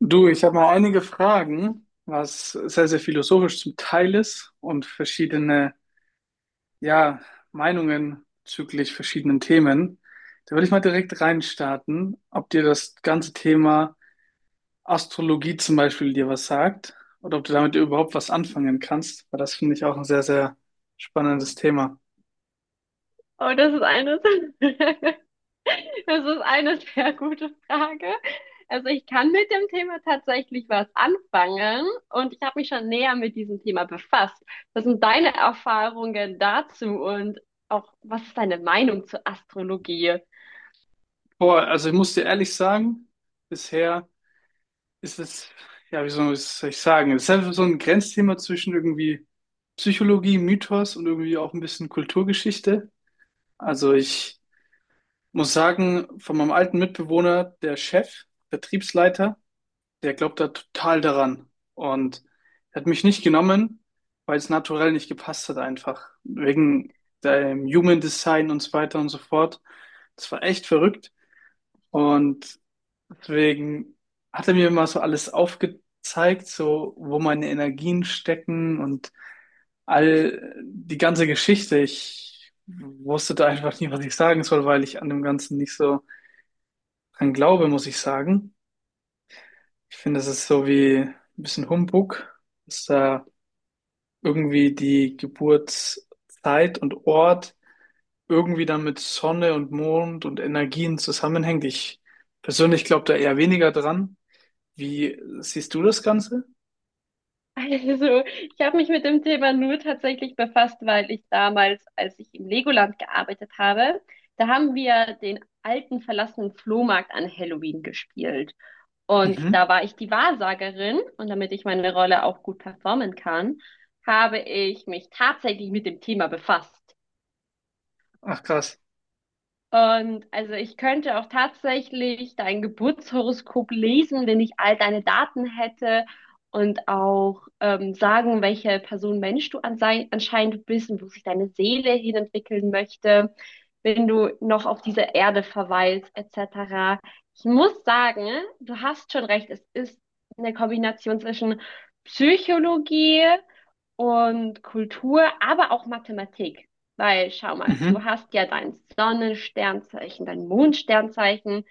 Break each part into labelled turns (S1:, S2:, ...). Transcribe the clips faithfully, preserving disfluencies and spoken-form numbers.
S1: Du, ich habe mal einige Fragen, was sehr, sehr philosophisch zum Teil ist und verschiedene, ja, Meinungen bezüglich verschiedenen Themen. Da würde ich mal direkt reinstarten, ob dir das ganze Thema Astrologie zum Beispiel dir was sagt oder ob du damit überhaupt was anfangen kannst, weil das finde ich auch ein sehr, sehr spannendes Thema.
S2: Oh, das ist eine, das ist eine sehr gute Frage. Also ich kann mit dem Thema tatsächlich was anfangen und ich habe mich schon näher mit diesem Thema befasst. Was sind deine Erfahrungen dazu und auch was ist deine Meinung zur Astrologie?
S1: Boah, also ich muss dir ehrlich sagen, bisher ist es, ja, wie soll ich soll ich sagen? Es ist einfach so ein Grenzthema zwischen irgendwie Psychologie, Mythos und irgendwie auch ein bisschen Kulturgeschichte. Also ich muss sagen, von meinem alten Mitbewohner, der Chef, Vertriebsleiter, der glaubt da total daran, und er hat mich nicht genommen, weil es naturell nicht gepasst hat einfach. Wegen dem Human Design und so weiter und so fort. Das war echt verrückt. Und Deswegen hat er mir immer so alles aufgezeigt, so wo meine Energien stecken und all die ganze Geschichte. Ich wusste da einfach nie, was ich sagen soll, weil ich an dem Ganzen nicht so dran glaube, muss ich sagen. Ich finde, das ist so wie ein bisschen Humbug, dass da irgendwie die Geburtszeit und Ort irgendwie dann mit Sonne und Mond und Energien zusammenhängt. Ich persönlich glaube da eher weniger dran. Wie siehst du das Ganze?
S2: Also ich habe mich mit dem Thema nur tatsächlich befasst, weil ich damals, als ich im Legoland gearbeitet habe, da haben wir den alten verlassenen Flohmarkt an Halloween gespielt. Und
S1: Mhm.
S2: da war ich die Wahrsagerin, und damit ich meine Rolle auch gut performen kann, habe ich mich tatsächlich mit dem Thema befasst.
S1: Ach, krass.
S2: Und also ich könnte auch tatsächlich dein Geburtshoroskop lesen, wenn ich all deine Daten hätte und auch ähm, sagen, welche Person Mensch du ansei- anscheinend bist und wo sich deine Seele hinentwickeln möchte, wenn du noch auf dieser Erde verweilst, et cetera. Ich muss sagen, du hast schon recht, es ist eine Kombination zwischen Psychologie und Kultur, aber auch Mathematik. Weil, schau mal,
S1: Mhm.
S2: du hast ja dein Sonnensternzeichen, dein Mondsternzeichen,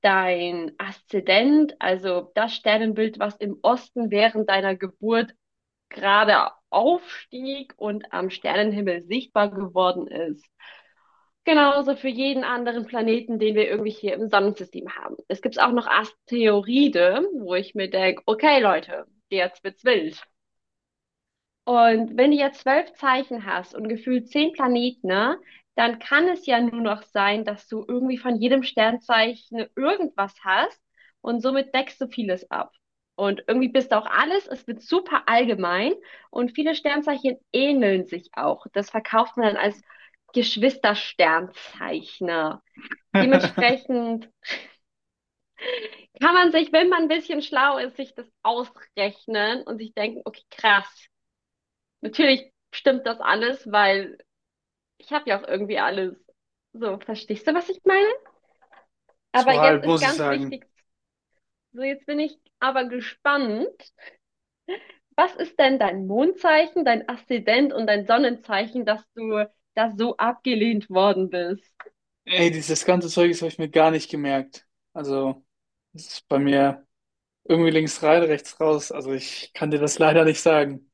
S2: dein Aszendent, also das Sternenbild, was im Osten während deiner Geburt gerade aufstieg und am Sternenhimmel sichtbar geworden ist. Genauso für jeden anderen Planeten, den wir irgendwie hier im Sonnensystem haben. Es gibt auch noch Asteroide, wo ich mir denke, okay Leute, jetzt wird's wild. Und wenn du ja zwölf Zeichen hast und gefühlt zehn Planeten, ne, dann kann es ja nur noch sein, dass du irgendwie von jedem Sternzeichen irgendwas hast und somit deckst du vieles ab. Und irgendwie bist du auch alles, es wird super allgemein, und viele Sternzeichen ähneln sich auch. Das verkauft man dann als Geschwistersternzeichner. Dementsprechend kann man sich, wenn man ein bisschen schlau ist, sich das ausrechnen und sich denken, okay, krass. Natürlich stimmt das alles, weil ich habe ja auch irgendwie alles. So, verstehst du, was ich meine? Aber
S1: So halb,
S2: jetzt ist
S1: muss ich
S2: ganz
S1: sagen.
S2: wichtig, so, jetzt bin ich aber gespannt. Was ist denn dein Mondzeichen, dein Aszendent und dein Sonnenzeichen, dass du da so abgelehnt worden bist?
S1: Ey, dieses ganze Zeug, das habe ich mir gar nicht gemerkt. Also, das ist bei mir irgendwie links rein, rechts raus. Also, ich kann dir das leider nicht sagen.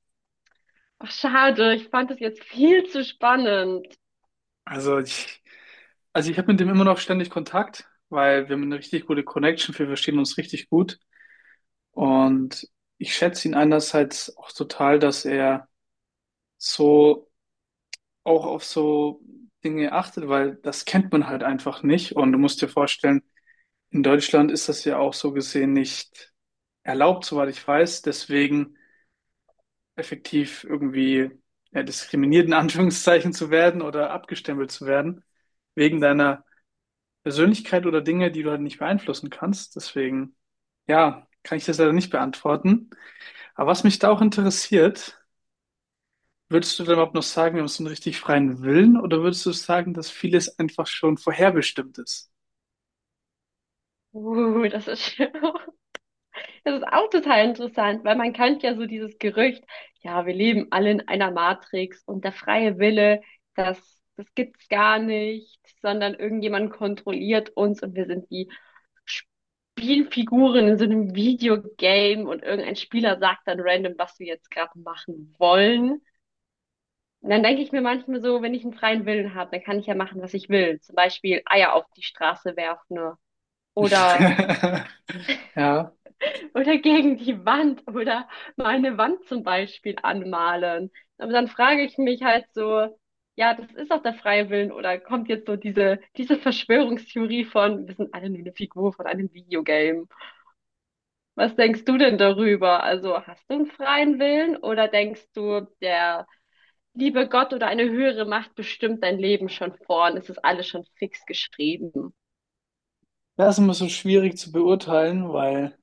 S2: Ach, schade, ich fand es jetzt viel zu spannend.
S1: Also, ich, also ich habe mit dem immer noch ständig Kontakt, weil wir haben eine richtig gute Connection. Wir verstehen uns richtig gut. Und ich schätze ihn einerseits auch total, dass er so auch auf so Dinge achtet, weil das kennt man halt einfach nicht. Und du musst dir vorstellen, in Deutschland ist das ja auch so gesehen nicht erlaubt, soweit ich weiß. Deswegen effektiv irgendwie ja, diskriminiert in Anführungszeichen zu werden oder abgestempelt zu werden, wegen deiner Persönlichkeit oder Dinge, die du halt nicht beeinflussen kannst. Deswegen, ja, kann ich das leider nicht beantworten. Aber was mich da auch interessiert, Würdest du dann überhaupt noch sagen, wir haben so einen richtig freien Willen, oder würdest du sagen, dass vieles einfach schon vorherbestimmt ist?
S2: Uh, das ist schön. Das ist auch total interessant, weil man kennt ja so dieses Gerücht, ja, wir leben alle in einer Matrix und der freie Wille, das, das gibt's gar nicht, sondern irgendjemand kontrolliert uns und wir sind wie Spielfiguren in so einem Videogame, und irgendein Spieler sagt dann random, was wir jetzt gerade machen wollen. Und dann denke ich mir manchmal so, wenn ich einen freien Willen habe, dann kann ich ja machen, was ich will. Zum Beispiel Eier auf die Straße werfen oder
S1: Ja,
S2: Oder gegen die Wand oder meine Wand zum Beispiel anmalen. Aber dann frage ich mich halt so, ja, das ist doch der freie Willen, oder kommt jetzt so diese, diese Verschwörungstheorie von, wir sind alle nur eine Figur von einem Videogame. Was denkst du denn darüber? Also hast du einen freien Willen oder denkst du, der liebe Gott oder eine höhere Macht bestimmt dein Leben schon vor und es ist alles schon fix geschrieben?
S1: das ist immer so schwierig zu beurteilen, weil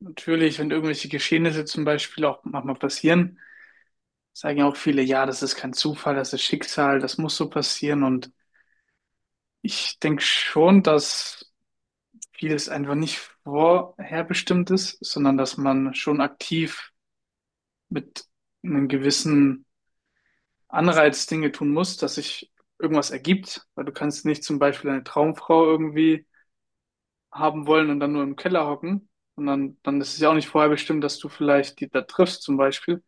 S1: natürlich, wenn irgendwelche Geschehnisse zum Beispiel auch manchmal passieren, sagen ja auch viele, ja, das ist kein Zufall, das ist Schicksal, das muss so passieren. Und ich denke schon, dass vieles einfach nicht vorherbestimmt ist, sondern dass man schon aktiv mit einem gewissen Anreiz Dinge tun musst, dass sich irgendwas ergibt, weil du kannst nicht zum Beispiel eine Traumfrau irgendwie haben wollen und dann nur im Keller hocken. Und dann, dann ist es ja auch nicht vorher bestimmt, dass du vielleicht die da triffst zum Beispiel.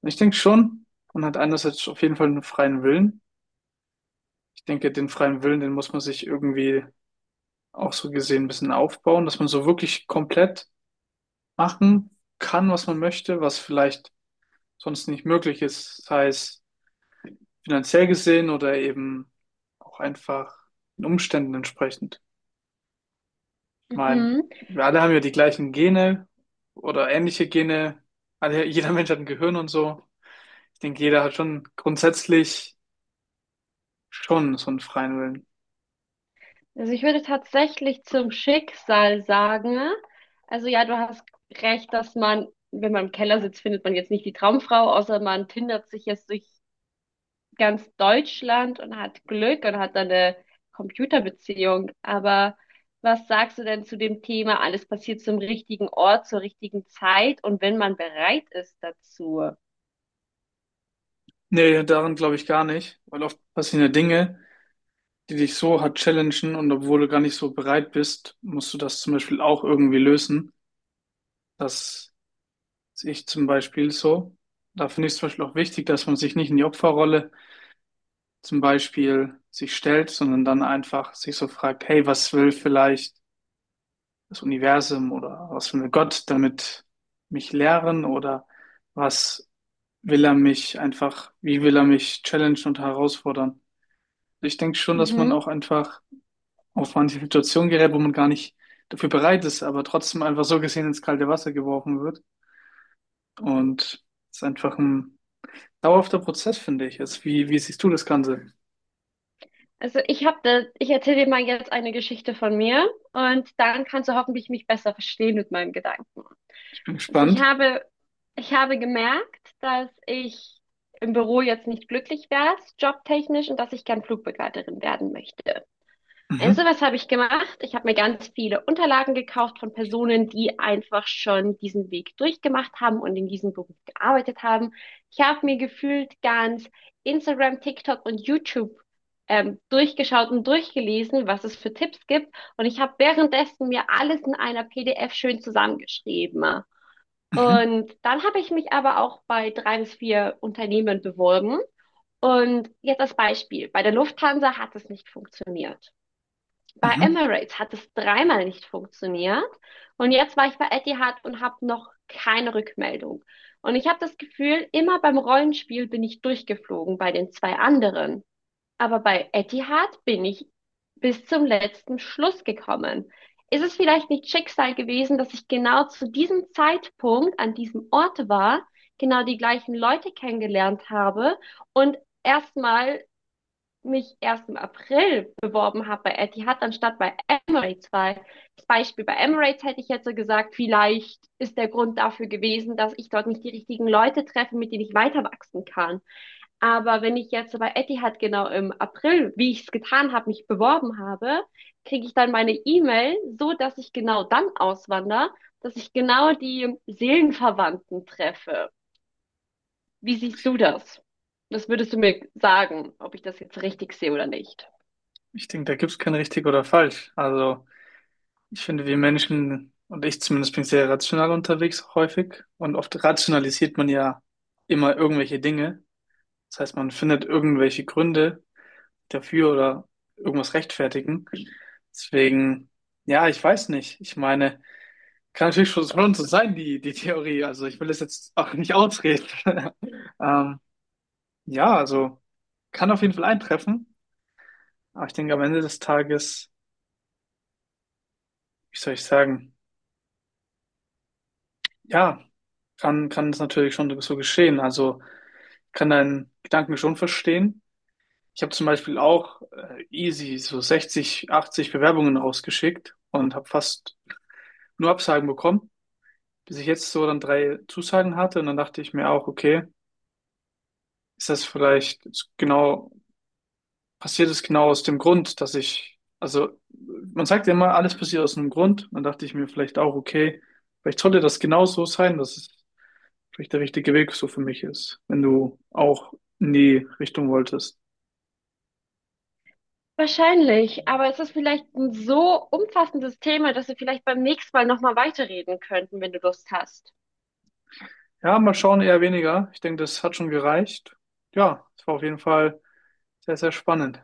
S1: Und ich denke schon, man hat einerseits auf jeden Fall einen freien Willen. Ich denke, den freien Willen, den muss man sich irgendwie auch so gesehen ein bisschen aufbauen, dass man so wirklich komplett machen kann, was man möchte, was vielleicht sonst nicht möglich ist. Das heißt, finanziell gesehen oder eben auch einfach den Umständen entsprechend. Ich meine,
S2: Mhm.
S1: wir alle haben ja die gleichen Gene oder ähnliche Gene. Alle, jeder Mensch hat ein Gehirn und so. Ich denke, jeder hat schon grundsätzlich schon so einen freien Willen.
S2: Also ich würde tatsächlich zum Schicksal sagen, also ja, du hast recht, dass man, wenn man im Keller sitzt, findet man jetzt nicht die Traumfrau, außer man tindert sich jetzt durch ganz Deutschland und hat Glück und hat dann eine Computerbeziehung. Aber was sagst du denn zu dem Thema, alles passiert zum richtigen Ort, zur richtigen Zeit und wenn man bereit ist dazu?
S1: Nee, daran glaube ich gar nicht, weil oft passieren ja Dinge, die dich so hart challengen und obwohl du gar nicht so bereit bist, musst du das zum Beispiel auch irgendwie lösen. Das sehe ich zum Beispiel so. Da finde ich es zum Beispiel auch wichtig, dass man sich nicht in die Opferrolle zum Beispiel sich stellt, sondern dann einfach sich so fragt, hey, was will vielleicht das Universum oder was will Gott damit mich lehren oder was will er mich einfach, wie will er mich challengen und herausfordern? Ich denke schon, dass man
S2: Mhm.
S1: auch einfach auf manche Situationen gerät, wo man gar nicht dafür bereit ist, aber trotzdem einfach so gesehen ins kalte Wasser geworfen wird. Und es ist einfach ein dauerhafter Prozess, finde ich. Also wie, wie siehst du das Ganze?
S2: Also ich habe da, ich erzähle dir mal jetzt eine Geschichte von mir und dann kannst du hoffentlich mich besser verstehen mit meinen Gedanken.
S1: Ich bin
S2: Also ich
S1: gespannt.
S2: habe, ich habe gemerkt, dass ich im Büro jetzt nicht glücklich wäre, jobtechnisch, und dass ich gern Flugbegleiterin werden möchte. Also
S1: Mhm.
S2: was habe ich gemacht? Ich habe mir ganz viele Unterlagen gekauft von Personen, die einfach schon diesen Weg durchgemacht haben und in diesem Beruf gearbeitet haben. Ich habe mir gefühlt ganz Instagram, TikTok und YouTube ähm, durchgeschaut und durchgelesen, was es für Tipps gibt. Und ich habe währenddessen mir alles in einer P D F schön zusammengeschrieben.
S1: Mhm.
S2: Und dann habe ich mich aber auch bei drei bis vier Unternehmen beworben. Und jetzt als Beispiel: Bei der Lufthansa hat es nicht funktioniert. Bei
S1: Mhm.
S2: Emirates hat es dreimal nicht funktioniert. Und jetzt war ich bei Etihad und habe noch keine Rückmeldung. Und ich habe das Gefühl, immer beim Rollenspiel bin ich durchgeflogen bei den zwei anderen. Aber bei Etihad bin ich bis zum letzten Schluss gekommen. Ist es vielleicht nicht Schicksal gewesen, dass ich genau zu diesem Zeitpunkt an diesem Ort war, genau die gleichen Leute kennengelernt habe und erstmal mich erst im April beworben habe bei Etihad anstatt bei Emirates? Weil das Beispiel bei Emirates hätte ich jetzt so gesagt, vielleicht ist der Grund dafür gewesen, dass ich dort nicht die richtigen Leute treffe, mit denen ich weiter wachsen kann. Aber wenn ich jetzt bei Etihad genau im April, wie ich es getan habe, mich beworben habe, kriege ich dann meine E-Mail, so dass ich genau dann auswandere, dass ich genau die Seelenverwandten treffe. Wie siehst du das? Was würdest du mir sagen, ob ich das jetzt richtig sehe oder nicht?
S1: Ich denke, da gibt es kein richtig oder falsch. Also ich finde, wir Menschen und ich zumindest bin sehr rational unterwegs auch häufig und oft rationalisiert man ja immer irgendwelche Dinge. Das heißt, man findet irgendwelche Gründe dafür oder irgendwas rechtfertigen. Deswegen, ja, ich weiß nicht. Ich meine, kann natürlich schon schon so sein, die, die Theorie. Also ich will das jetzt auch nicht ausreden. Ähm, ja, also kann auf jeden Fall eintreffen. Aber ich denke, am Ende des Tages, wie soll ich sagen, ja, kann, kann es natürlich schon so geschehen. Also ich kann deinen Gedanken schon verstehen. Ich habe zum Beispiel auch äh, easy so sechzig, achtzig Bewerbungen rausgeschickt und habe fast nur Absagen bekommen, bis ich jetzt so dann drei Zusagen hatte. Und dann dachte ich mir auch, okay, ist das vielleicht genau, passiert es genau aus dem Grund, dass ich, also man sagt ja immer, alles passiert aus einem Grund. Dann dachte ich mir vielleicht auch, okay, vielleicht sollte das genau so sein, dass es vielleicht der richtige Weg so für mich ist, wenn du auch in die Richtung wolltest.
S2: Wahrscheinlich, aber es ist vielleicht ein so umfassendes Thema, dass wir vielleicht beim nächsten Mal nochmal weiterreden könnten, wenn du Lust hast.
S1: Ja, mal schauen, eher weniger. Ich denke, das hat schon gereicht. Ja, es war auf jeden Fall sehr, sehr spannend.